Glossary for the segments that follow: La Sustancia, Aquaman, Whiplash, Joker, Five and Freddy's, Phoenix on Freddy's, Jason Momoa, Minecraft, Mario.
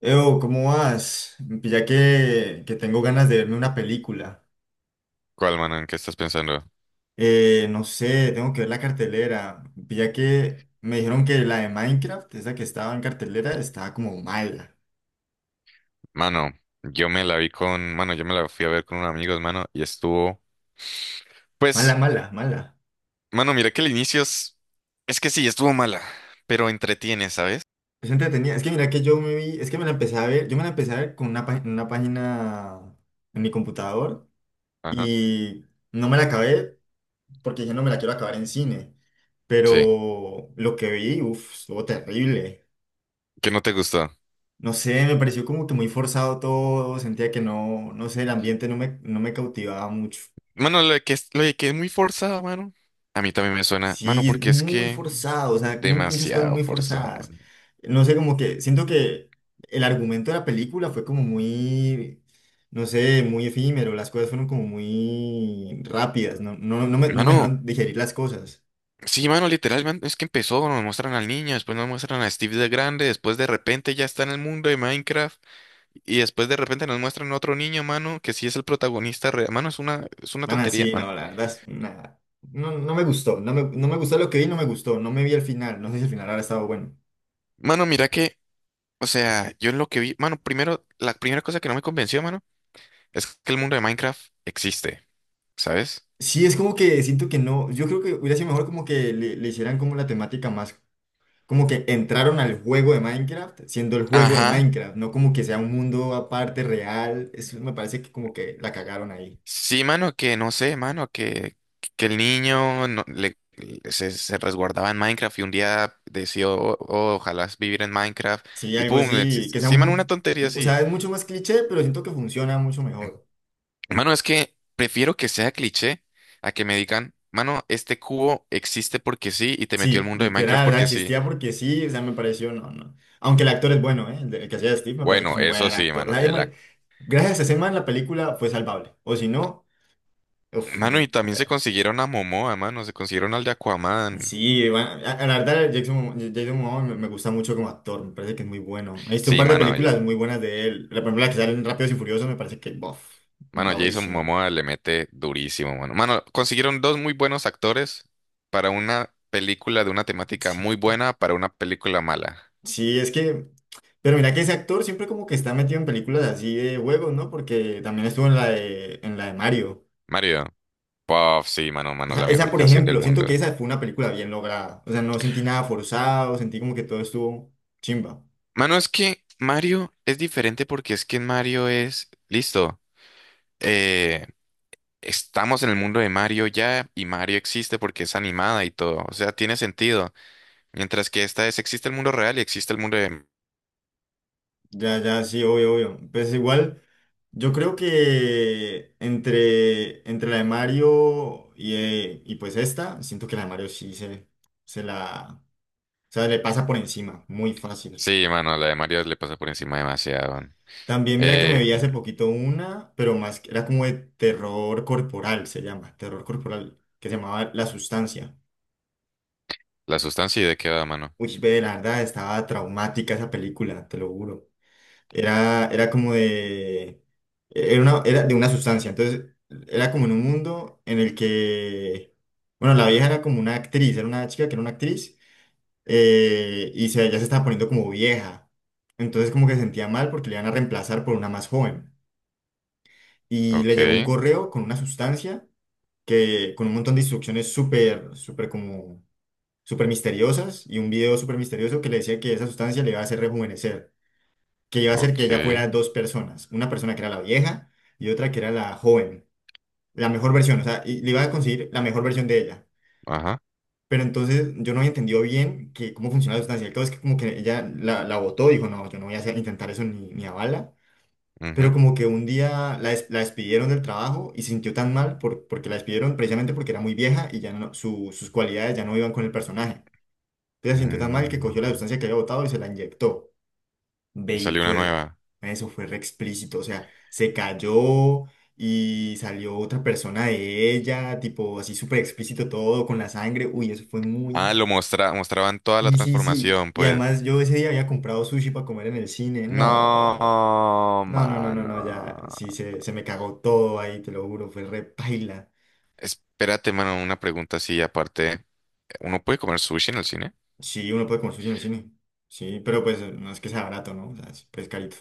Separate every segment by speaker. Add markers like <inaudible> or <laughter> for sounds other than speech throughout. Speaker 1: Eo, ¿cómo vas? Ya que tengo ganas de verme una película.
Speaker 2: ¿Cuál, mano? ¿En qué estás pensando?
Speaker 1: No sé, tengo que ver la cartelera. Ya que me dijeron que la de Minecraft, esa que estaba en cartelera, estaba como mala.
Speaker 2: Mano, yo me la fui a ver con unos amigos, mano, y estuvo,
Speaker 1: Mala,
Speaker 2: pues,
Speaker 1: mala, mala.
Speaker 2: mano, mira que el inicio es que sí, estuvo mala, pero entretiene, ¿sabes?
Speaker 1: Es entretenida. Es que mira que yo me vi, es que me la empecé a ver, yo me la empecé a ver con una página en mi computador
Speaker 2: Ajá.
Speaker 1: y no me la acabé porque dije no me la quiero acabar en cine.
Speaker 2: Sí,
Speaker 1: Pero lo que vi, uff, estuvo terrible.
Speaker 2: que no te gustó.
Speaker 1: No sé, me pareció como que muy forzado todo, sentía que no, no sé, el ambiente no me cautivaba mucho.
Speaker 2: Mano, lo de que es muy forzada, mano. A mí también me suena, mano,
Speaker 1: Sí,
Speaker 2: porque es
Speaker 1: muy
Speaker 2: que
Speaker 1: forzado, o sea, muchas cosas
Speaker 2: demasiado
Speaker 1: muy
Speaker 2: forzado,
Speaker 1: forzadas.
Speaker 2: mano.
Speaker 1: No sé, como que siento que el argumento de la película fue como muy, no sé, muy efímero, las cosas fueron como muy rápidas, no me
Speaker 2: Mano,
Speaker 1: dejaron digerir las cosas.
Speaker 2: sí, mano, literalmente es que empezó, nos muestran al niño, después nos muestran a Steve de grande, después de repente ya está en el mundo de Minecraft. Y después de repente nos muestran otro niño, mano, que sí es el protagonista real. Mano, es una
Speaker 1: Van
Speaker 2: tontería,
Speaker 1: así,
Speaker 2: mano.
Speaker 1: no, la verdad es nada. No, no me gustó, no me gustó lo que vi, no me gustó, no me vi el final, no sé si el final ahora estaba bueno.
Speaker 2: Mano, mira que, o sea, yo en lo que vi, mano, primero, la primera cosa que no me convenció, mano, es que el mundo de Minecraft existe, ¿sabes?
Speaker 1: Sí, es como que siento que no, yo creo que hubiera sido mejor como que le hicieran como la temática más, como que entraron al juego de Minecraft siendo el juego de
Speaker 2: Ajá.
Speaker 1: Minecraft, no como que sea un mundo aparte real, eso me parece que como que la cagaron ahí.
Speaker 2: Sí, mano, que no sé, mano, que el niño se resguardaba en Minecraft y un día decidió, "Oh, ojalá vivir en Minecraft
Speaker 1: Sí,
Speaker 2: y
Speaker 1: algo
Speaker 2: pum,
Speaker 1: así,
Speaker 2: existe".
Speaker 1: que sea
Speaker 2: Sí, mano, una
Speaker 1: muy,
Speaker 2: tontería
Speaker 1: o
Speaker 2: así.
Speaker 1: sea, es mucho más cliché, pero siento que funciona mucho mejor.
Speaker 2: Mano, es que prefiero que sea cliché a que me digan, mano, este cubo existe porque sí y te metió al
Speaker 1: Sí,
Speaker 2: mundo de Minecraft
Speaker 1: literal,
Speaker 2: porque sí.
Speaker 1: existía porque sí, o sea, me pareció, no, no. Aunque el actor es bueno, ¿eh? El que hacía de Steve me parece que es
Speaker 2: Bueno,
Speaker 1: un
Speaker 2: eso
Speaker 1: buen
Speaker 2: sí,
Speaker 1: actor. O
Speaker 2: mano.
Speaker 1: sea, gracias a ese man la película fue salvable, o si no, uff.
Speaker 2: Mano, y también se consiguieron a Momoa, mano, se consiguieron al de Aquaman.
Speaker 1: Sí, bueno, a la verdad Jason, Jason Momoa me gusta mucho como actor, me parece que es muy bueno. He visto un
Speaker 2: Sí,
Speaker 1: par de
Speaker 2: mano, oye.
Speaker 1: películas muy buenas de él. La primera que sale en Rápidos y Furiosos me parece que, bof,
Speaker 2: Mano, Jason
Speaker 1: baurísimo.
Speaker 2: Momoa le mete durísimo, mano. Mano, consiguieron dos muy buenos actores para una película de una temática
Speaker 1: Sí.
Speaker 2: muy buena para una película mala.
Speaker 1: Sí, es que, pero mira que ese actor siempre como que está metido en películas así de juegos, ¿no? Porque también estuvo en la de Mario.
Speaker 2: Mario. Puff, sí, mano,
Speaker 1: O
Speaker 2: mano,
Speaker 1: sea,
Speaker 2: la
Speaker 1: esa,
Speaker 2: mejor
Speaker 1: por
Speaker 2: canción del
Speaker 1: ejemplo, siento
Speaker 2: mundo.
Speaker 1: que esa fue una película bien lograda. O sea, no sentí nada forzado, sentí como que todo estuvo chimba.
Speaker 2: Mano, es que Mario es diferente porque es que en Mario es, listo, eh, estamos en el mundo de Mario ya y Mario existe porque es animada y todo, o sea, tiene sentido. Mientras que existe el mundo real y existe el mundo de...
Speaker 1: Ya, ya, sí, obvio, obvio. Pues igual. Yo creo que entre la de Mario y pues esta, siento que la de Mario sí se la, o sea, le pasa por encima, muy fácil.
Speaker 2: Sí, mano, la de Mario le pasa por encima demasiado. Man.
Speaker 1: También mira que me
Speaker 2: Eh,
Speaker 1: vi hace poquito una, pero más, era como de terror corporal, se llama, terror corporal, que se llamaba La Sustancia.
Speaker 2: la sustancia y de qué va, mano.
Speaker 1: Uy, ve, la verdad, estaba traumática esa película, te lo juro. Era como de. Era de una sustancia. Entonces, era como en un mundo en el que. Bueno, la vieja era como una actriz, era una chica que era una actriz, y ya se estaba poniendo como vieja. Entonces, como que se sentía mal porque le iban a reemplazar por una más joven. Y le
Speaker 2: Ok,
Speaker 1: llegó un correo con una sustancia que, con un montón de instrucciones súper, súper, como súper misteriosas y un video súper misterioso que le decía que esa sustancia le iba a hacer rejuvenecer, que iba a hacer que
Speaker 2: ok,
Speaker 1: ella fuera dos personas, una persona que era la vieja y otra que era la joven, la mejor versión, o sea, y le iba a conseguir la mejor versión de ella.
Speaker 2: ajá.
Speaker 1: Pero entonces yo no había entendido bien que cómo funcionaba la sustancia. El caso es que como que ella la votó, dijo, no, yo no voy a intentar eso ni a bala. Pero
Speaker 2: Ujú.
Speaker 1: como que un día la despidieron del trabajo y se sintió tan mal porque la despidieron precisamente porque era muy vieja y ya no, sus cualidades ya no iban con el personaje. Entonces se sintió tan mal que
Speaker 2: Mm,
Speaker 1: cogió la sustancia que había votado y se la inyectó. Ve
Speaker 2: y
Speaker 1: y
Speaker 2: salió una
Speaker 1: fue,
Speaker 2: nueva.
Speaker 1: eso fue re explícito, o sea, se cayó y salió otra persona de ella, tipo así súper explícito todo, con la sangre, uy, eso fue muy.
Speaker 2: Ah, lo mostraban toda la
Speaker 1: Y sí, sí,
Speaker 2: transformación,
Speaker 1: y
Speaker 2: pues.
Speaker 1: además yo ese día había comprado sushi para comer en el cine, no,
Speaker 2: No,
Speaker 1: no, no, no, no, no, ya,
Speaker 2: mano.
Speaker 1: sí, se me cagó todo ahí, te lo juro, fue re paila.
Speaker 2: Espérate, mano, una pregunta así aparte. ¿Uno puede comer sushi en el cine?
Speaker 1: Sí, uno puede comer sushi en el cine, sí, pero pues no es que sea barato, ¿no? O sea, es pues, carito.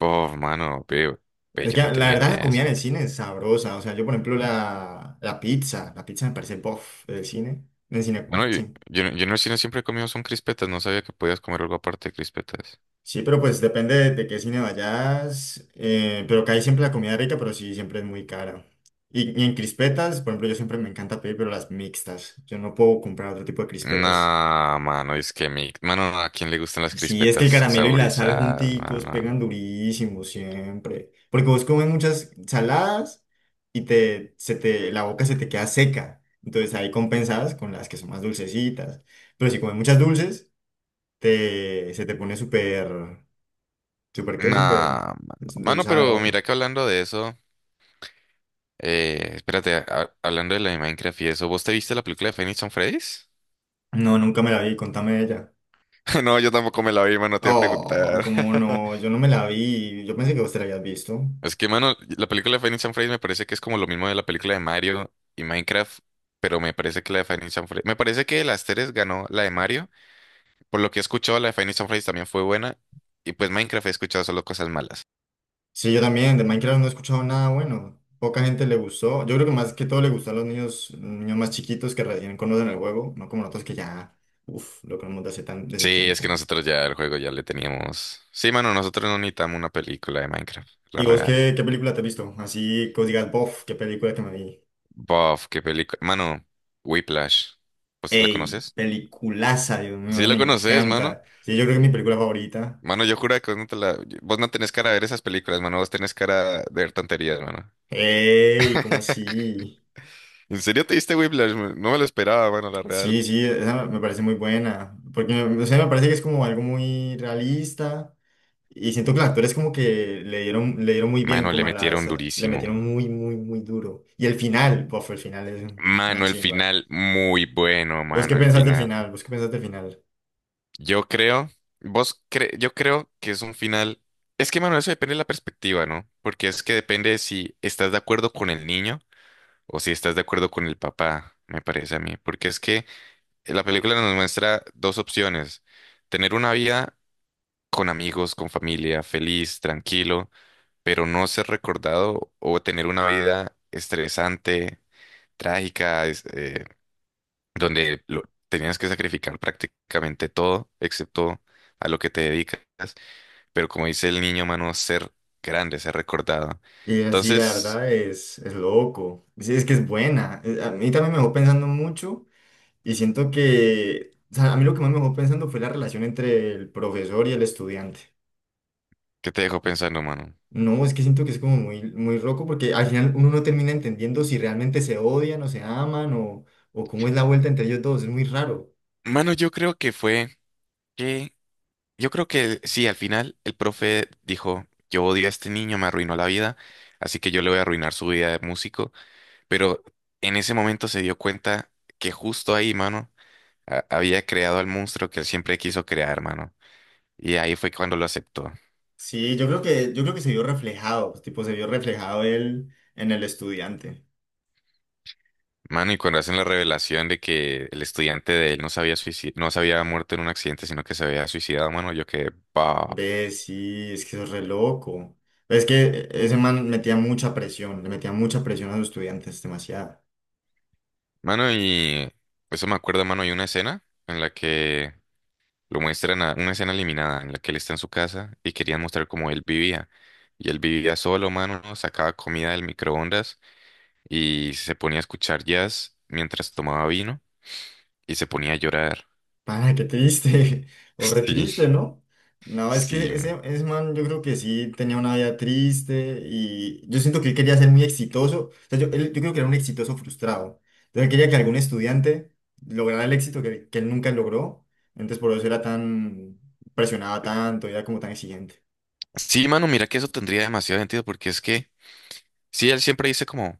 Speaker 2: Oh, mano, veo. Ve,
Speaker 1: Es
Speaker 2: yo
Speaker 1: que
Speaker 2: no
Speaker 1: la
Speaker 2: tenía ni
Speaker 1: verdad la
Speaker 2: idea de
Speaker 1: comida
Speaker 2: eso.
Speaker 1: en el cine es sabrosa. O sea, yo por ejemplo la pizza me parece bof del cine. Del cine,
Speaker 2: Bueno, yo,
Speaker 1: sí.
Speaker 2: yo, yo en el cine siempre he comido son crispetas. No sabía que podías comer algo aparte de crispetas.
Speaker 1: Sí, pero pues depende de qué cine vayas. Pero que hay siempre la comida rica, pero sí, siempre es muy cara. Y en crispetas, por ejemplo, yo siempre me encanta pedir, pero las mixtas. Yo no puedo comprar otro tipo de crispetas.
Speaker 2: No, mano, es que mi... Mano, ¿a quién le gustan las
Speaker 1: Sí, es que el
Speaker 2: crispetas
Speaker 1: caramelo y la sal
Speaker 2: saborizadas,
Speaker 1: junticos
Speaker 2: mano?
Speaker 1: pegan durísimo siempre. Porque vos comes muchas saladas y la boca se te queda seca. Entonces ahí compensadas con las que son más dulcecitas. Pero si comes muchas dulces, se te pone súper, súper qué,
Speaker 2: No,
Speaker 1: súper
Speaker 2: mano. Mano,
Speaker 1: dulzada la
Speaker 2: pero
Speaker 1: boca.
Speaker 2: mira que hablando de eso... Espérate, hablando de la de Minecraft y eso, ¿vos te viste la película de Phoenix on Freddy's?
Speaker 1: No, nunca me la vi, contame de ella.
Speaker 2: <laughs> No, yo tampoco me la vi, mano, te iba a
Speaker 1: Oh,
Speaker 2: preguntar.
Speaker 1: cómo
Speaker 2: <laughs>
Speaker 1: no, yo no me la vi. Yo pensé que vos te la habías visto.
Speaker 2: Es que, mano, la película de Five and Freddy's me parece que es como lo mismo de la película de Mario y Minecraft, pero me parece que la de Five and Freddy's... Me parece que de las tres ganó la de Mario. Por lo que he escuchado, la de Five and Freddy's también fue buena. Y pues Minecraft he escuchado solo cosas malas.
Speaker 1: Sí, yo también, de Minecraft no he escuchado nada bueno. Poca gente le gustó. Yo creo que más que todo le gustó a los niños, niños más chiquitos que recién conocen el juego, no como nosotros que ya, uff, lo conocemos desde hace desde
Speaker 2: Sí, es que
Speaker 1: tiempo.
Speaker 2: nosotros ya el juego ya le teníamos... Sí, mano, nosotros no necesitamos una película de Minecraft, la
Speaker 1: ¿Y vos
Speaker 2: real.
Speaker 1: qué película te has visto? Así que os digas, bof, qué película que me vi.
Speaker 2: Buff, qué película... Mano, Whiplash. Pues, ¿la
Speaker 1: Ey,
Speaker 2: conoces?
Speaker 1: peliculaza, Dios
Speaker 2: Sí,
Speaker 1: mío,
Speaker 2: la
Speaker 1: me
Speaker 2: conoces, mano.
Speaker 1: encanta. Sí, yo creo que es mi película favorita.
Speaker 2: Mano, yo juro que vos no, te la... vos no tenés cara de ver esas películas, mano. Vos tenés cara de ver tonterías, mano.
Speaker 1: Ey, ¿cómo
Speaker 2: <laughs>
Speaker 1: así?
Speaker 2: ¿En serio te diste Whiplash? No, me lo esperaba, mano, la real.
Speaker 1: Sí, sí, esa me parece muy buena. Porque, o sea, me parece que es como algo muy realista. Y siento que los actores como que le dieron muy bien,
Speaker 2: Mano, le
Speaker 1: como a
Speaker 2: metieron
Speaker 1: las. Le
Speaker 2: durísimo.
Speaker 1: metieron muy, muy, muy duro. Y el final, bof, el final es una
Speaker 2: Mano, el
Speaker 1: chimba.
Speaker 2: final, muy bueno,
Speaker 1: ¿Vos qué
Speaker 2: mano, el
Speaker 1: pensás del
Speaker 2: final.
Speaker 1: final? ¿Vos qué pensás del final?
Speaker 2: Yo creo, yo creo que es un final. Es que, mano, eso depende de la perspectiva, ¿no? Porque es que depende si estás de acuerdo con el niño o si estás de acuerdo con el papá, me parece a mí. Porque es que la película nos muestra dos opciones. Tener una vida con amigos, con familia, feliz, tranquilo, pero no ser recordado, o tener una vida estresante, trágica, donde tenías que sacrificar prácticamente todo, excepto a lo que te dedicas, pero como dice el niño, mano, ser grande, ser recordado.
Speaker 1: Y así, la
Speaker 2: Entonces,
Speaker 1: verdad, es loco. Sí, es que es buena. A mí también me dejó pensando mucho y siento que, o sea, a mí lo que más me dejó pensando fue la relación entre el profesor y el estudiante.
Speaker 2: ¿qué te dejó pensando, mano?
Speaker 1: No, es que siento que es como muy, muy loco porque al final uno no termina entendiendo si realmente se odian o se aman o cómo es la vuelta entre ellos dos. Es muy raro.
Speaker 2: Mano, que, yo creo que sí, al final el profe dijo, yo odio a este niño, me arruinó la vida, así que yo le voy a arruinar su vida de músico. Pero en ese momento se dio cuenta que justo ahí, mano, había creado al monstruo que él siempre quiso crear, mano. Y ahí fue cuando lo aceptó.
Speaker 1: Sí, yo creo que se vio reflejado, pues, tipo, se vio reflejado él en el estudiante.
Speaker 2: Mano, y cuando hacen la revelación de que el estudiante de él no sabía había no se había muerto en un accidente, sino que se había suicidado, mano, yo quedé, "Paf".
Speaker 1: Ve, sí, es que eso es re loco. Es que ese man metía mucha presión, le metía mucha presión a los estudiantes, demasiado.
Speaker 2: Mano, y eso me acuerda, mano, hay una escena en la que lo muestran, una escena eliminada, en la que él está en su casa y querían mostrar cómo él vivía. Y él vivía solo, mano, sacaba comida del microondas y se ponía a escuchar jazz mientras tomaba vino y se ponía a llorar.
Speaker 1: Pana, qué triste, <laughs> o re
Speaker 2: <laughs>
Speaker 1: triste,
Speaker 2: Sí,
Speaker 1: ¿no? No, es
Speaker 2: sí.
Speaker 1: que ese man yo creo que sí tenía una vida triste y yo siento que él quería ser muy exitoso, o sea, yo creo que era un exitoso frustrado, entonces él quería que algún estudiante lograra el éxito que él nunca logró, entonces por eso era presionaba tanto, era como tan exigente,
Speaker 2: Sí, mano, mira que eso tendría demasiado sentido porque es que, sí, él siempre dice como,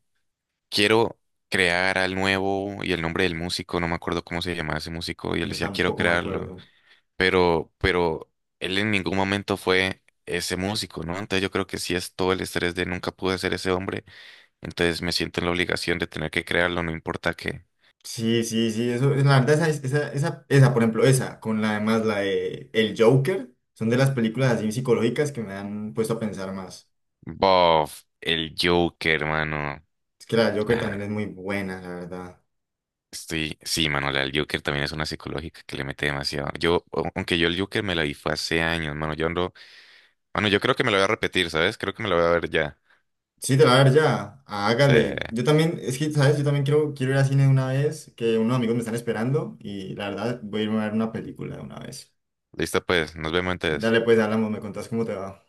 Speaker 2: quiero crear al nuevo y el nombre del músico, no me acuerdo cómo se llamaba ese músico, y él
Speaker 1: yo
Speaker 2: decía, quiero
Speaker 1: tampoco me
Speaker 2: crearlo,
Speaker 1: acuerdo.
Speaker 2: pero él en ningún momento fue ese músico, ¿no? Entonces yo creo que sí es todo el estrés de nunca pude ser ese hombre, entonces me siento en la obligación de tener que crearlo, no importa qué.
Speaker 1: Sí, sí, sí, eso, la verdad, esa, por ejemplo, esa, con la además la de El Joker, son de las películas así psicológicas que me han puesto a pensar más.
Speaker 2: Bof, el Joker, mano.
Speaker 1: Es que la Joker también es
Speaker 2: Ah,
Speaker 1: muy buena, la verdad.
Speaker 2: estoy, sí, Manuel, el Joker también es una psicológica que le mete demasiado. Aunque yo el Joker me la vi fue hace años, mano, yo ando, mano, yo creo que me la voy a repetir, ¿sabes? Creo que me la voy a ver ya.
Speaker 1: Sí, te la voy a ver ya.
Speaker 2: Se,
Speaker 1: Hágale. Yo también, es que, ¿sabes? Yo también quiero ir al cine de una vez, que unos amigos me están esperando y la verdad voy a irme a ver una película de una vez.
Speaker 2: Listo pues, nos vemos entonces.
Speaker 1: Dale, pues, hablamos, me contás cómo te va.